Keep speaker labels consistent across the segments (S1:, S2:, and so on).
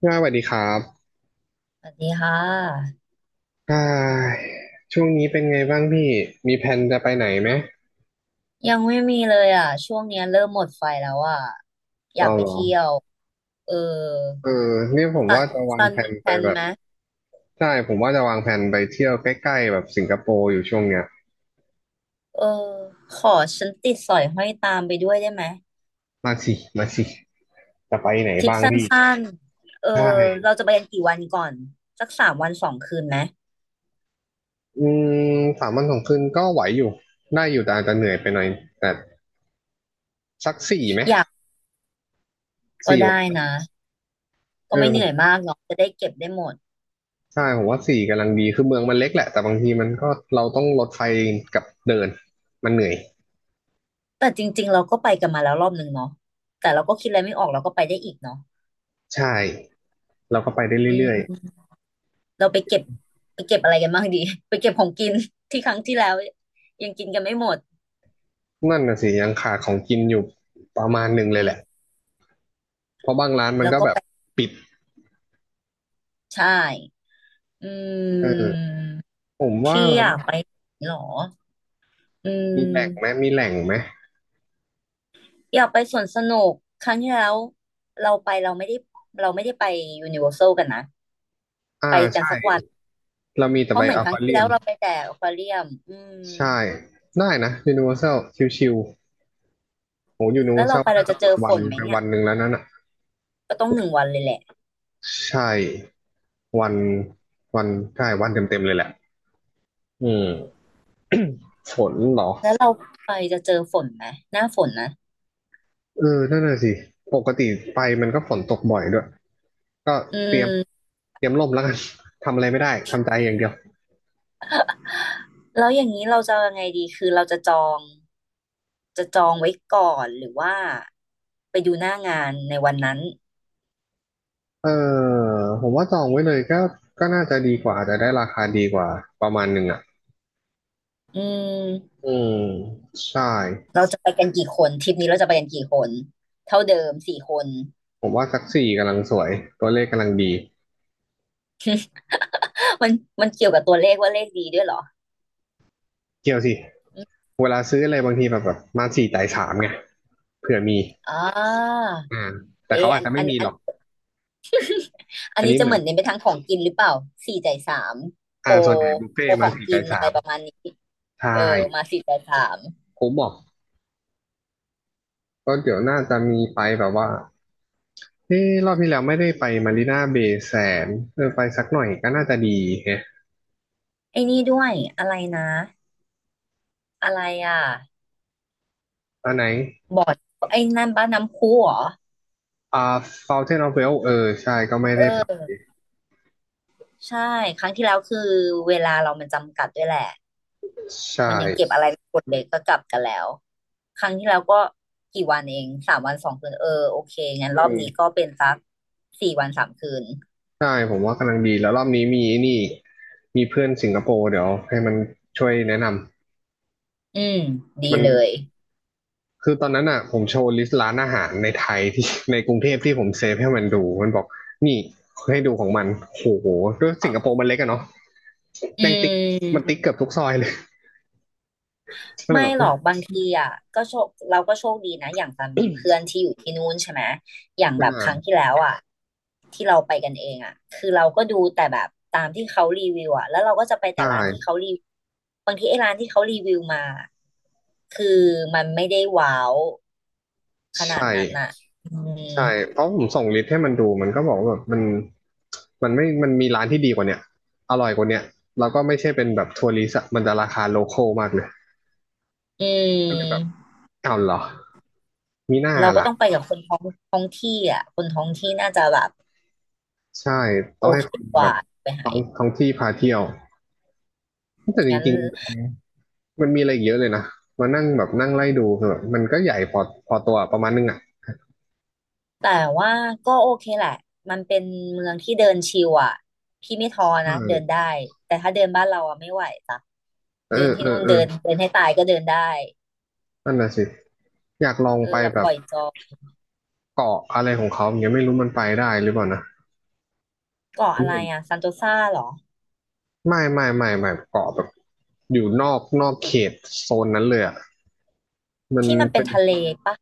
S1: ค่ะสวัสดีครับ
S2: สวัสดีค่ะ
S1: อ่าช่วงนี้เป็นไงบ้างพี่ มีแผนจะไปไหนไหม
S2: ยังไม่มีเลยอ่ะช่วงเนี้ยเริ่มหมดไฟแล้วอ่ะอยา
S1: เอา
S2: กไป
S1: เหรอ
S2: เที่ยวเออ
S1: เออเนี่ยผม
S2: ตั
S1: ว่า
S2: ด
S1: จะวาง
S2: ซัน
S1: แผ
S2: มี
S1: น
S2: แพ
S1: ไป
S2: ลน
S1: แบบ
S2: ไหม
S1: ใช่ผมว่าจะวางแผนไปเที่ยวใกล้ๆแบบสิงคโปร์อยู่ช่วงเนี้ย
S2: เออขอฉันติดสอยห้อยตามไปด้วยได้ไหม
S1: มาสิ มาสิ จะไปไหน
S2: ทริป
S1: บ้าง
S2: สั
S1: พี่
S2: ้นๆเอ
S1: ใช่
S2: อเราจะไปกันกี่วันก่อนสักสามวันสองคืนไหม
S1: อืม3 วัน 2 คืนก็ไหวอยู่ได้อยู่แต่อาจจะเหนื่อยไปหน่อยแต่สักสี่ไหม
S2: อยากก็
S1: สี่วั
S2: ได้
S1: น
S2: นะ
S1: เอ
S2: ก็
S1: อ
S2: ไม่
S1: ผ
S2: เหนื่อย
S1: ม
S2: มากเนาะจะได้เก็บได้หมด
S1: ใช่ผมว่าสี่กำลังดี คือเมืองมันเล็กแหละ แต่บางทีมันก็เราต้องรถไฟกับเดิน มันเหนื่อย
S2: แต่จริงๆเราก็ไปกันมาแล้วรอบนึงเนาะแต่เราก็คิดอะไรไม่ออกเราก็ไปได้อีกเนาะ
S1: ใช่ เราก็ไปได้เรื่อย
S2: เราไปเก็บไปเก็บอะไรกันบ้างดี ไปเก็บของกินที่ครั้งที่แล้วยังกินกันไม่หมด
S1: ๆนั่นน่ะสิยังขาดของกินอยู่ประมาณหนึ่งเล
S2: อื
S1: ยแหละ
S2: ม
S1: เพราะบางร้านมัน
S2: แล้ว
S1: ก็
S2: ก็
S1: แบบ
S2: ไป
S1: ปิด
S2: ใช่อื
S1: เออ
S2: ม
S1: ผมว่า
S2: ที่อยากไปหรออื
S1: มีแหล่งไหม
S2: ม
S1: มีแหล่งไหม
S2: อยากไปสวนสนุกครั้งที่แล้วเราไปเราไม่ได้เราไม่ได้ไปยูนิเวอร์แซลกันนะไปกัน
S1: ใช่
S2: สักวัน
S1: เรามีแต่
S2: เพ
S1: ไป
S2: ราะเหมือ
S1: อ
S2: นค
S1: ค
S2: รั้ง
S1: วา
S2: ที่
S1: เรีย
S2: แล้
S1: ม
S2: วเราไปแต่อควาเรียมอืม
S1: ใช่ได้นะยูนิเวอร์ซชิวๆโหยูนิเว
S2: แล้
S1: อ
S2: ว
S1: ร์ซ
S2: เรา
S1: ล
S2: ไป
S1: ก็
S2: เรา
S1: น่าจะ
S2: จะ
S1: หม
S2: เจ
S1: ด
S2: อฝ
S1: วัน
S2: นไหม
S1: ไป
S2: เนี่ย
S1: วันหนึ่งแล้วนั่นอ่ะ
S2: ก็ต้องหนึ่งวันเลยแหละ
S1: ใช่วันวันใช่วันเต็มๆเลยแหละอืม ฝนเหรอ
S2: แล้วเราไปจะเจอฝนไหมหน้าฝนนะ
S1: เออนั่นน่ะสิปกติไปมันก็ฝนตกบ่อยด้วย ก็
S2: อื
S1: เตรียม
S2: ม
S1: เตรียมล่มแล้วกัน ทำอะไรไม่ได้ทำใจอย่างเดียว
S2: แล้วอย่างนี้เราจะยังไงดีคือเราจะจองจะจองไว้ก่อนหรือว่าไปดูหน้างานในวันนั้น
S1: เออผมว่าจองไว้เลยก็ก็น่าจะดีกว่าอาจจะได้ราคาดีกว่าประมาณหนึ่งอ่ะ
S2: อืม
S1: อืมใช่
S2: เราจะไปกันกี่คนทริปนี้เราจะไปกันกี่คน เท่าเดิมสี่คน
S1: ผมว่าซักสี่กำลังสวยตัวเลขกำลังดี
S2: มันมันเกี่ยวกับตัวเลขว่าเลขดีด้วยเหรอ
S1: เกี่ยวสิเวลาซื้ออะไรบางทีแบบมาสี่จ่ายสามไงเผื่อมี
S2: อ่า
S1: อ่าแต่
S2: เอ
S1: เขา
S2: อ
S1: อา
S2: อั
S1: จ
S2: น
S1: จะไม่
S2: อัน
S1: มีห
S2: อั
S1: ร
S2: น
S1: อก
S2: อัน
S1: อัน
S2: นี้
S1: นี้
S2: จะ
S1: เหมื
S2: เห
S1: อน
S2: มือนเน้นไปทางของกินหรือเปล่าสี่จ่ายสามโปร
S1: ส่วนใหญ่บุฟเฟ่
S2: โปร
S1: ต์
S2: ข
S1: มา
S2: อง
S1: สี่
S2: กิ
S1: จ่า
S2: น
S1: ย
S2: อะ
S1: สา
S2: ไร
S1: ม
S2: ประมาณนี้
S1: ใช่
S2: เออมาสี่จ่ายสาม
S1: ผมบอกก็เดี๋ยวน่าจะมีไปแบบว่า เอ้รอบที่แล้วไม่ได้ไปมารีนาเบย์แซนเออไปสักหน่อยก็น่าจะดีแฮะ
S2: ไอ้นี่ด้วย อะไรนะอะไรอ่ะ
S1: อันไหน
S2: บ่อยไอ้นั่นบ้านน้ำพุเหรอ
S1: อ่า Fountain of Wealth เออใช่ก็ไม่
S2: เอ
S1: ได้ไป
S2: อใช่ครั้งที่แล้วคือเวลาเรามันจำกัดด้วยแหละ
S1: ใช่
S2: มันยังเก็บอะไรไม่หมดเลยก็กลับกันแล้วครั้งที่แล้วก็กี่วันเองสามวันสองคืนเออโอเคงั้
S1: อื
S2: นรอบนี้ก็
S1: ม
S2: เป็นสักสี่วันสามคืน
S1: ใช่ผมว่ากำลังดีแล้วรอบนี้มีนี่มีเพื่อนสิงคโปร์เดี๋ยวให้มันช่วยแนะนำ
S2: อืมดี
S1: มัน
S2: เลย
S1: คือตอนนั้นอ่ะผมโชว์ลิสต์ร้านอาหารในไทยที่ ในกรุงเทพที่ผมเซฟให้มันดู มันบอกนี่ให้ดูของมันโอ้โหด้วยสิงคโปร์มันเล็กอะเนาะ
S2: อื
S1: แม่งติ๊กมันติ๊
S2: ม
S1: กเกือบทุกซอยเลย ก็เลย
S2: ไม่
S1: แบบ
S2: หร
S1: อุ๊ย
S2: อกบางทีอ่ะก็โชคเราก็โชคดีนะอย่างตามมีเพื่อนที่อยู่ที่นู่นใช่ไหมอย่าง
S1: ไม่
S2: แบบ
S1: นา
S2: ค
S1: น
S2: รั้งที่แล้วอ่ะที่เราไปกันเองอ่ะคือเราก็ดูแต่แบบตามที่เขารีวิวอ่ะแล้วเราก็จะไป
S1: ใช
S2: แต่ร้านที่เขา
S1: ่
S2: รีบางทีไอ้ร้านที่เขารีวิวมาคือมันไม่ได้ว้าวขนาด
S1: ใช่
S2: นั้นอ่ะอืม
S1: ใช่เพราะผมส่งลิสต์ให้มันดูมันก็บอกว่าแบบมันมันไม่มันมีร้านที่ดีกว่าเนี้ยอร่อยกว่าเนี้ยแล้วก็ไม่ใช่เป็นแบบทัวริสต์อะมันจะราคาโลคอลมากเลย
S2: อื
S1: ก็เลยแบบ
S2: ม
S1: อ้าวเหรอมีหน้า
S2: เราก็
S1: ล่ะ
S2: ต้องไปกับคนท้องท้องที่อ่ะคนท้องที่น่าจะแบบ
S1: ใช่ต้
S2: โอ
S1: องให้
S2: เค
S1: คน
S2: ก
S1: แบ
S2: ว่า
S1: บท้องท้องที่พาเที่ยวแต่จ
S2: งั้น
S1: ริงๆมันมีอะไรอีกเยอะเลยนะมานั่งแบบนั่งไล่ดูคือแบบมันก็ใหญ่พอตัวประมาณนึงอ่ะ
S2: แต่ว่าก็โอเคแหละ มันเป็นเมืองที่เดินชิลอ่ะพี่ไม่ท้อ
S1: เ
S2: นะเดิน
S1: ออ
S2: ได้ แต่ถ้าเดินบ้านเราอ่ะไม่ไหวจ้ะ
S1: เออ
S2: เดินที่
S1: เออ
S2: นู่น
S1: เออ
S2: เดินเดินให้ตายก็เดินได้
S1: นั่นน่ะสิอยากลอง
S2: เออ
S1: ไป
S2: แบบ
S1: แบ
S2: ป
S1: บ
S2: ล่อยจอย
S1: เกาะอะไรของเขาอย่างเงี้ยไม่รู้มันไปได้หรือเปล่านะ
S2: เกาะ
S1: ผ
S2: อะ
S1: ม
S2: ไร
S1: เห็น
S2: อ่ะซันโตซาเหรอ
S1: ไม่เกาะแบบอยู่นอกเขตโซนนั้นเลยอ่ะมัน
S2: ที่มันเป็
S1: เป็
S2: น
S1: น
S2: ทะเลปะ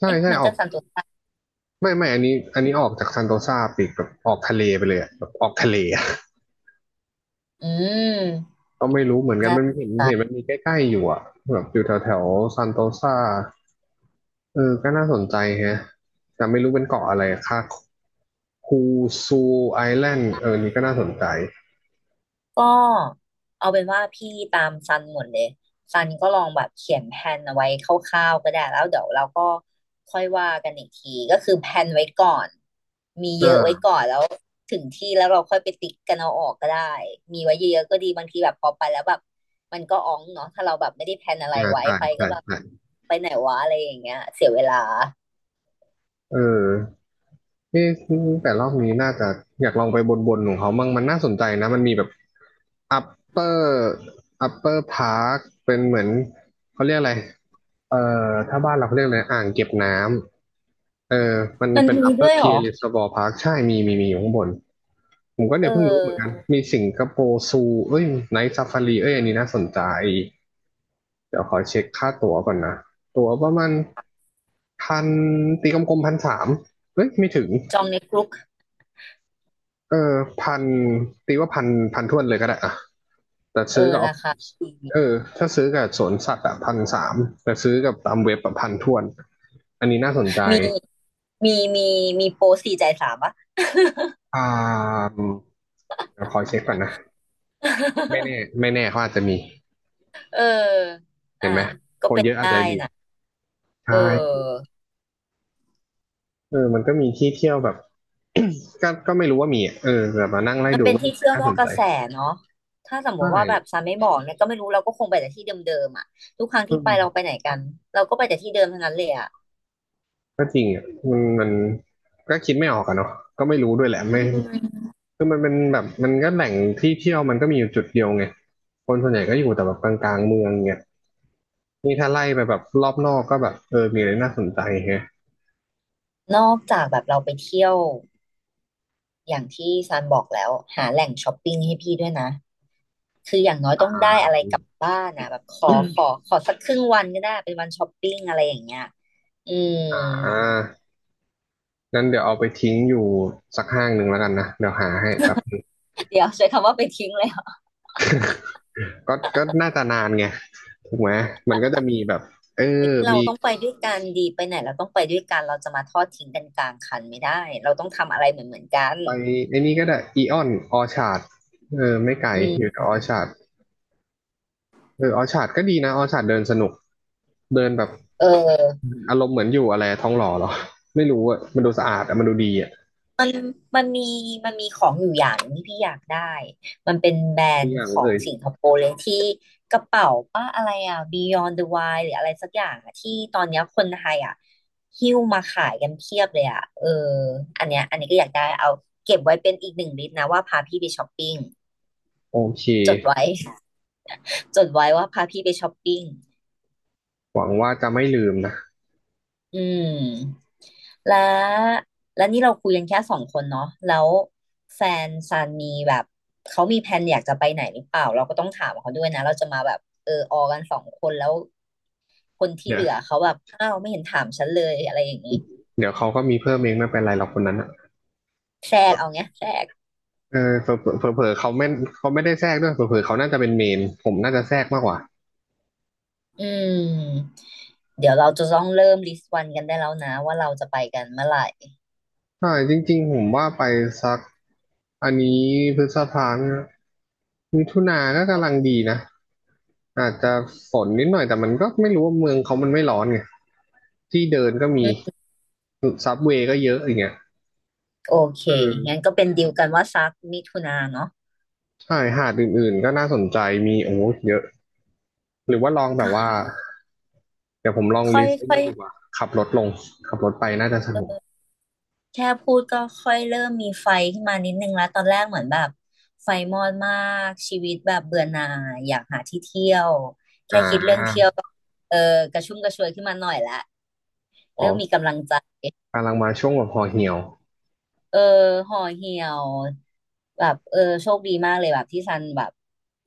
S1: ใช่
S2: เอ๊ะ
S1: ใช่
S2: มัน
S1: ออ
S2: ก็
S1: ก
S2: ซันโตซา
S1: ไม่อันนี้ออกจากซันโตซาปอีกแบบออกทะเลไปเลยอะแบบออกทะเลอะ
S2: อืม
S1: ก็ไม่รู้เหมือนกัน
S2: น่า
S1: มัน
S2: ส
S1: เห็
S2: น
S1: น
S2: ใจ
S1: เห็นมันมีใกล้ๆอยู่อ่ะแบบอยู่แถวแถวซันโตซาเออก็น่าสนใจแฮะแต่ไม่รู้เป็นเกาะอะไรอะค่ะคูซูไอแลนด์เออนี่ก็น่าสนใจ
S2: ก็เอาเป็นว่าพี่ตามซันหมดเลยซันก็ลองแบบเขียนแผนเอาไว้คร่าวๆก็ได้แล้วเดี๋ยวเราก็ค่อยว่ากันอีกทีก็คือแผนไว้ก่อนมีเยอะไว้
S1: อ่า
S2: ก่อนแล้วถึงที่แล้วเราค่อยไปติ๊กกันเอาออกก็ได้มีไว้เยอะๆก็ดีบางทีแบบพอไปแล้วแบบมันก็อ๋องเนาะถ้าเราแบบไม่ได้แผนอะไร
S1: อ่า
S2: ไว้
S1: ใช่
S2: ไปก็
S1: ใช่
S2: แบบ
S1: ใช่
S2: ไปไหนวะอะไรอย่างเงี้ยเสียเวลา
S1: เออ เอ๊ะแต่รอบนี้น่าจะอยากลองไปบนบนของเขามั่งมันน่าสนใจนะมันมีแบบ upper upper park เป็นเหมือนเขาเรียกอะไรเอ่ถ้าบ้านเราเขาเรียกอะไรอ่างเก็บน้ำเออมัน
S2: มัน
S1: เป็น
S2: มีด้ว
S1: upper
S2: ยเหรอ
S1: pier reservoir park ใช่มีมีมีอยู่ข้างบนผมก็
S2: เอ
S1: เนี่
S2: อ
S1: ยเพิ่งรู้เหมือนกันมีสิงคโปร์ซูเอ้ยไนท์ซาฟารีเอ้ยอันนี้น่าสนใจเดี๋ยวขอเช็คค่าตั๋วก่อนนะตั๋วประมาณพันตีกลมๆพันสามเอ้ยไม่ถึง
S2: จองในกรุ๊ป
S1: เออพันตีว่าพันพันท้วนเลยก็ได้อะแต่
S2: เออ
S1: ซื้อกับ
S2: ราคา
S1: Office
S2: ดี
S1: เออถ้าซื้อกับสวนสัตว์อะพันสามแต่ซื้อกับตามเว็บอะพันท้วนอันนี้น่าสนใจ
S2: มีมีมีมีโปรสี่จ่ายสามปะ
S1: อ่าเดี๋ยวคอยเช็คก่อนนะไม่แน่ ไม่แน่เขาอาจจะมี
S2: เออ
S1: เห็
S2: อ่ะ
S1: นไหม
S2: ก็
S1: คน
S2: เป็น
S1: เยอะอาจ
S2: ได้
S1: จะดี
S2: นะ
S1: ใช
S2: เอ
S1: ่
S2: อ
S1: เออมันก็มีที่เที่ยวแบบ ก็ไม่รู้ว่ามีอะเออแบบมานั่งไล่
S2: มัน
S1: ดู
S2: เป็น
S1: ก็
S2: ที่เที่ยว
S1: น่า
S2: น
S1: ส
S2: อก
S1: น
S2: ก
S1: ใจ
S2: ระแสเนาะถ้าสมม
S1: ใช่
S2: ติว่าแบบซันไม่บอกเนี่ยก็ไม่รู้เราก็คงไปแต่ที่เดิมๆอ่ะทุกครั้ง
S1: อื
S2: ที่ไปเรา
S1: ม
S2: ไปไหนกันเราก็ไปแต่ที่เดิมทั้งนั้นเลยอ่ะ
S1: ก็จริงอ่ะมันก็คิดไม่ออกอะเนาะก็ไม่รู้ด้วยแหละไม่
S2: อืม
S1: คือมันเป็นแบบมันก็แหล่งที่เที่ยวมันก็มีอยู่จุดเดียวไงคนส่วนใหญ่ก็อยู่แต่แบบกลางๆเมืองไงนี่ถ้าไล่ไปแบบรอบนอกก็แบบมีอะไรน่าสนใจแฮะ
S2: นอกจากแบบเราไปเที่ยวอย่างที่ซันบอกแล้วหาแหล่งช้อปปิ้งให้พี่ด้วยนะคืออย่างน้อยต้องได้อะไรกลับบ้านนะแบบขอขอขอสักครึ่งวันก็ได้เป็นวันช้อปปิ้งอะไรอย่างเงี้ยอืม
S1: อ่างั้นเดี๋ยวเอาไปทิ้งอยู่สักห้างหนึ่งแล้วกันนะเดี๋ยวหาให้แบบ
S2: เดี๋ยวใช้คำว่าไปทิ้งเลยเหรอ
S1: ก็น่าจะนานไงถูกไหมมันก็จะมีแบบเออ
S2: เรา
S1: มี
S2: ต้องไปด้วยกันดีไปไหนเราต้องไปด้วยกันเราจะมาทอดทิ้งกันกลางคันไม่ได้เราต้องทำอะไรเหมือนเหมือนกัน
S1: ไปไอ้นี่ก็ได้อีออนออชาร์ดไม่ไกล
S2: อื
S1: อ
S2: ม
S1: ยู่แต่ออชาร์ดออชาร์ดก็ดีนะออชาร์ดเดินสนุกเดินแบบ
S2: เออ
S1: อารมณ์เหมือนอยู่อะไรท้องหล่อหรอ ไม่รู้อะมันดูสะอาดอะมันดูดีอะ
S2: มันมันมันมีของอยู่อย่างหนึ่งที่พี่อยากได้มันเป็นแบร
S1: ทุ
S2: น
S1: กอ
S2: ด์
S1: ย่า
S2: ข
S1: ง
S2: อ
S1: เล
S2: ง
S1: ย
S2: สิงคโปร์เลยที่กระเป๋าป้าอะไรอ่ะ Beyond the Wild หรืออะไรสักอย่างอ่ะที่ตอนเนี้ยคนไทยอ่ะหิ้วมาขายกันเพียบเลยอ่ะเอออันเนี้ยอันนี้ก็อยากได้เอาเก็บไว้เป็นอีกหนึ่งลิสต์นะว่าพาพี่ไปช้อปปิ้ง
S1: โอเค
S2: จดไว้ จดไว้ว่าพาพี่ไปช้อปปิ้ง
S1: หวังว่าจะไม่ลืมนะ
S2: อืมและและนี่เราคุยกันแค่สองคนเนาะแล้วแฟนซานมีแบบ เขามีแผนอยากจะไปไหนหรือเปล่า เราก็ต้องถามเขาด้วยนะ เราจะมาแบบเออออกันสองคนแล้วคนที่
S1: เดี๋ย
S2: เห
S1: ว
S2: ลือเขาแบบอ้าวไม่เห็นถามฉันเลยอะไรอย่างนี้
S1: เดี๋ยวเขาก็มีเพิ่มเองไม่เป็นไรหรอกคนนั้นอะ
S2: แทรกเอาเงี้ยแทรก
S1: เผลอเผลอเขาไม่เขาไม่ได้แทรกด้วยเผลอเผลอเขาน่าจะเป็นเมนผมน่าจะแทรกมากกว่า
S2: อืมเดี๋ยวเราจะต้องเริ่มลิสต์วันกันได้แล้วนะว่าเราจะไปกันเมื่อไหร่
S1: ใช่จริงๆผมว่าไปสักอันนี้พฤษภานมมิถุนาก็กำลังดีนะอาจจะฝนนิดหน่อยแต่มันก็ไม่รู้ว่าเมืองเขามันไม่ร้อนไงที่เดินก็มี
S2: อืม
S1: ซับเวย์ก็เยอะอย่างเงี้ย
S2: โอเค
S1: อื
S2: งั้น
S1: ม
S2: ก็เป็นดีลกันว่าซักมิถุนาเนาะ
S1: ใช่หาดอื่นๆก็น่าสนใจมีโอ้โหเยอะหรือว่าลองแบบว่าเดี๋ยวผมลอง
S2: ค่อ
S1: ลิ
S2: ย
S1: สต์ไอ้
S2: ค่อ
S1: นี่
S2: ย
S1: ดีกว่าขับรถลงขับรถไปน่าจะสนุก
S2: แค่พูดก็ค่อยเริ่มมีไฟขึ้นมานิดนึงแล้วตอนแรกเหมือนแบบไฟมอดมากชีวิตแบบเบื่อหน่ายอยากหาที่เที่ยว
S1: อ่
S2: แค่คิดเรื่องเที่ย
S1: า
S2: วก็เออกระชุ่มกระชวยขึ้นมาหน่อยละ
S1: อ๋
S2: เริ่มมี
S1: อ
S2: กำลังใจ
S1: กำลังมาช่วงแบบพอเหี่ยว
S2: เออห่อเหี่ยวแบบเออโชคดีมากเลยแบบที่ซันแบบ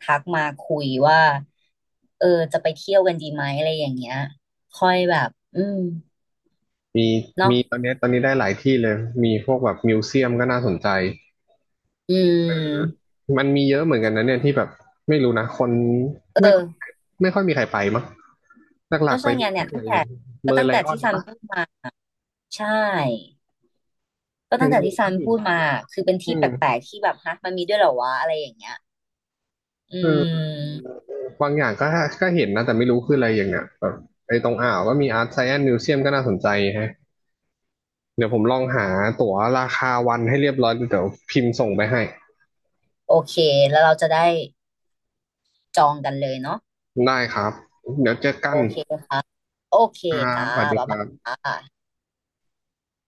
S2: ทักมาคุยว่าเออจะไปเที่ยวกันดีไหมอะไรอย่างเงี้ยค่อยแบบอืม
S1: มี
S2: เนาะ
S1: มีตอนเนี้ยตอนนี้ได้หลายที่เลยมีพวกแบบมิวเซียมก็น่าสนใจ
S2: อืม
S1: มันมีเยอะเหมือนกันนะเนี่ยที่แบบไม่รู้นะคน
S2: เอ
S1: ไม่ค่อ
S2: อ
S1: ยไม่ค่อยมีใครไปมั้งหลั
S2: ก็
S1: กๆไป
S2: ใช่ไง
S1: ดู
S2: น้เนี่
S1: แค่
S2: ย
S1: อะ
S2: ตั้
S1: ไร
S2: งแต่ก็
S1: เมอ
S2: ตั้
S1: ร์
S2: ง
S1: ไล
S2: แต่
S1: ออ
S2: ที่
S1: น
S2: ซัน
S1: ปะ
S2: พูดมา ใช่ ก็
S1: อย่า
S2: ตั้
S1: ง
S2: งแต่
S1: อื่
S2: ที่
S1: น
S2: ซั
S1: ก็
S2: น
S1: มี
S2: พูดมา คือเป็น
S1: อื
S2: ที่แปล
S1: ม
S2: กๆที่แบบฮะมันมีด้วยเหรอวะอะไรอย่างเงี้ยอื
S1: เออ
S2: ม
S1: บางอย่างก็ก็เห็นนะ แต่ไม่รู้คืออะไรอย่างเงี้ยแบบไอ้ตรงอ่าวก็มีอาร์ตไซแอนซ์มิวเซียมก็น่าสนใจฮะเดี๋ยวผมลองหาตั๋วราคาวันให้เรียบร้อย เดี๋ยวพิมพ์ส่งไปให้
S2: โอเค แล้วเราจะได้จองกันเลยเนาะ
S1: ได้ครับ เดี๋ยวเจอกั
S2: โอ
S1: น
S2: เค โอเค
S1: ครับ
S2: จ้า
S1: สวัสดี
S2: บ๊า
S1: ค
S2: ย
S1: รั
S2: บาย
S1: บ
S2: จ้า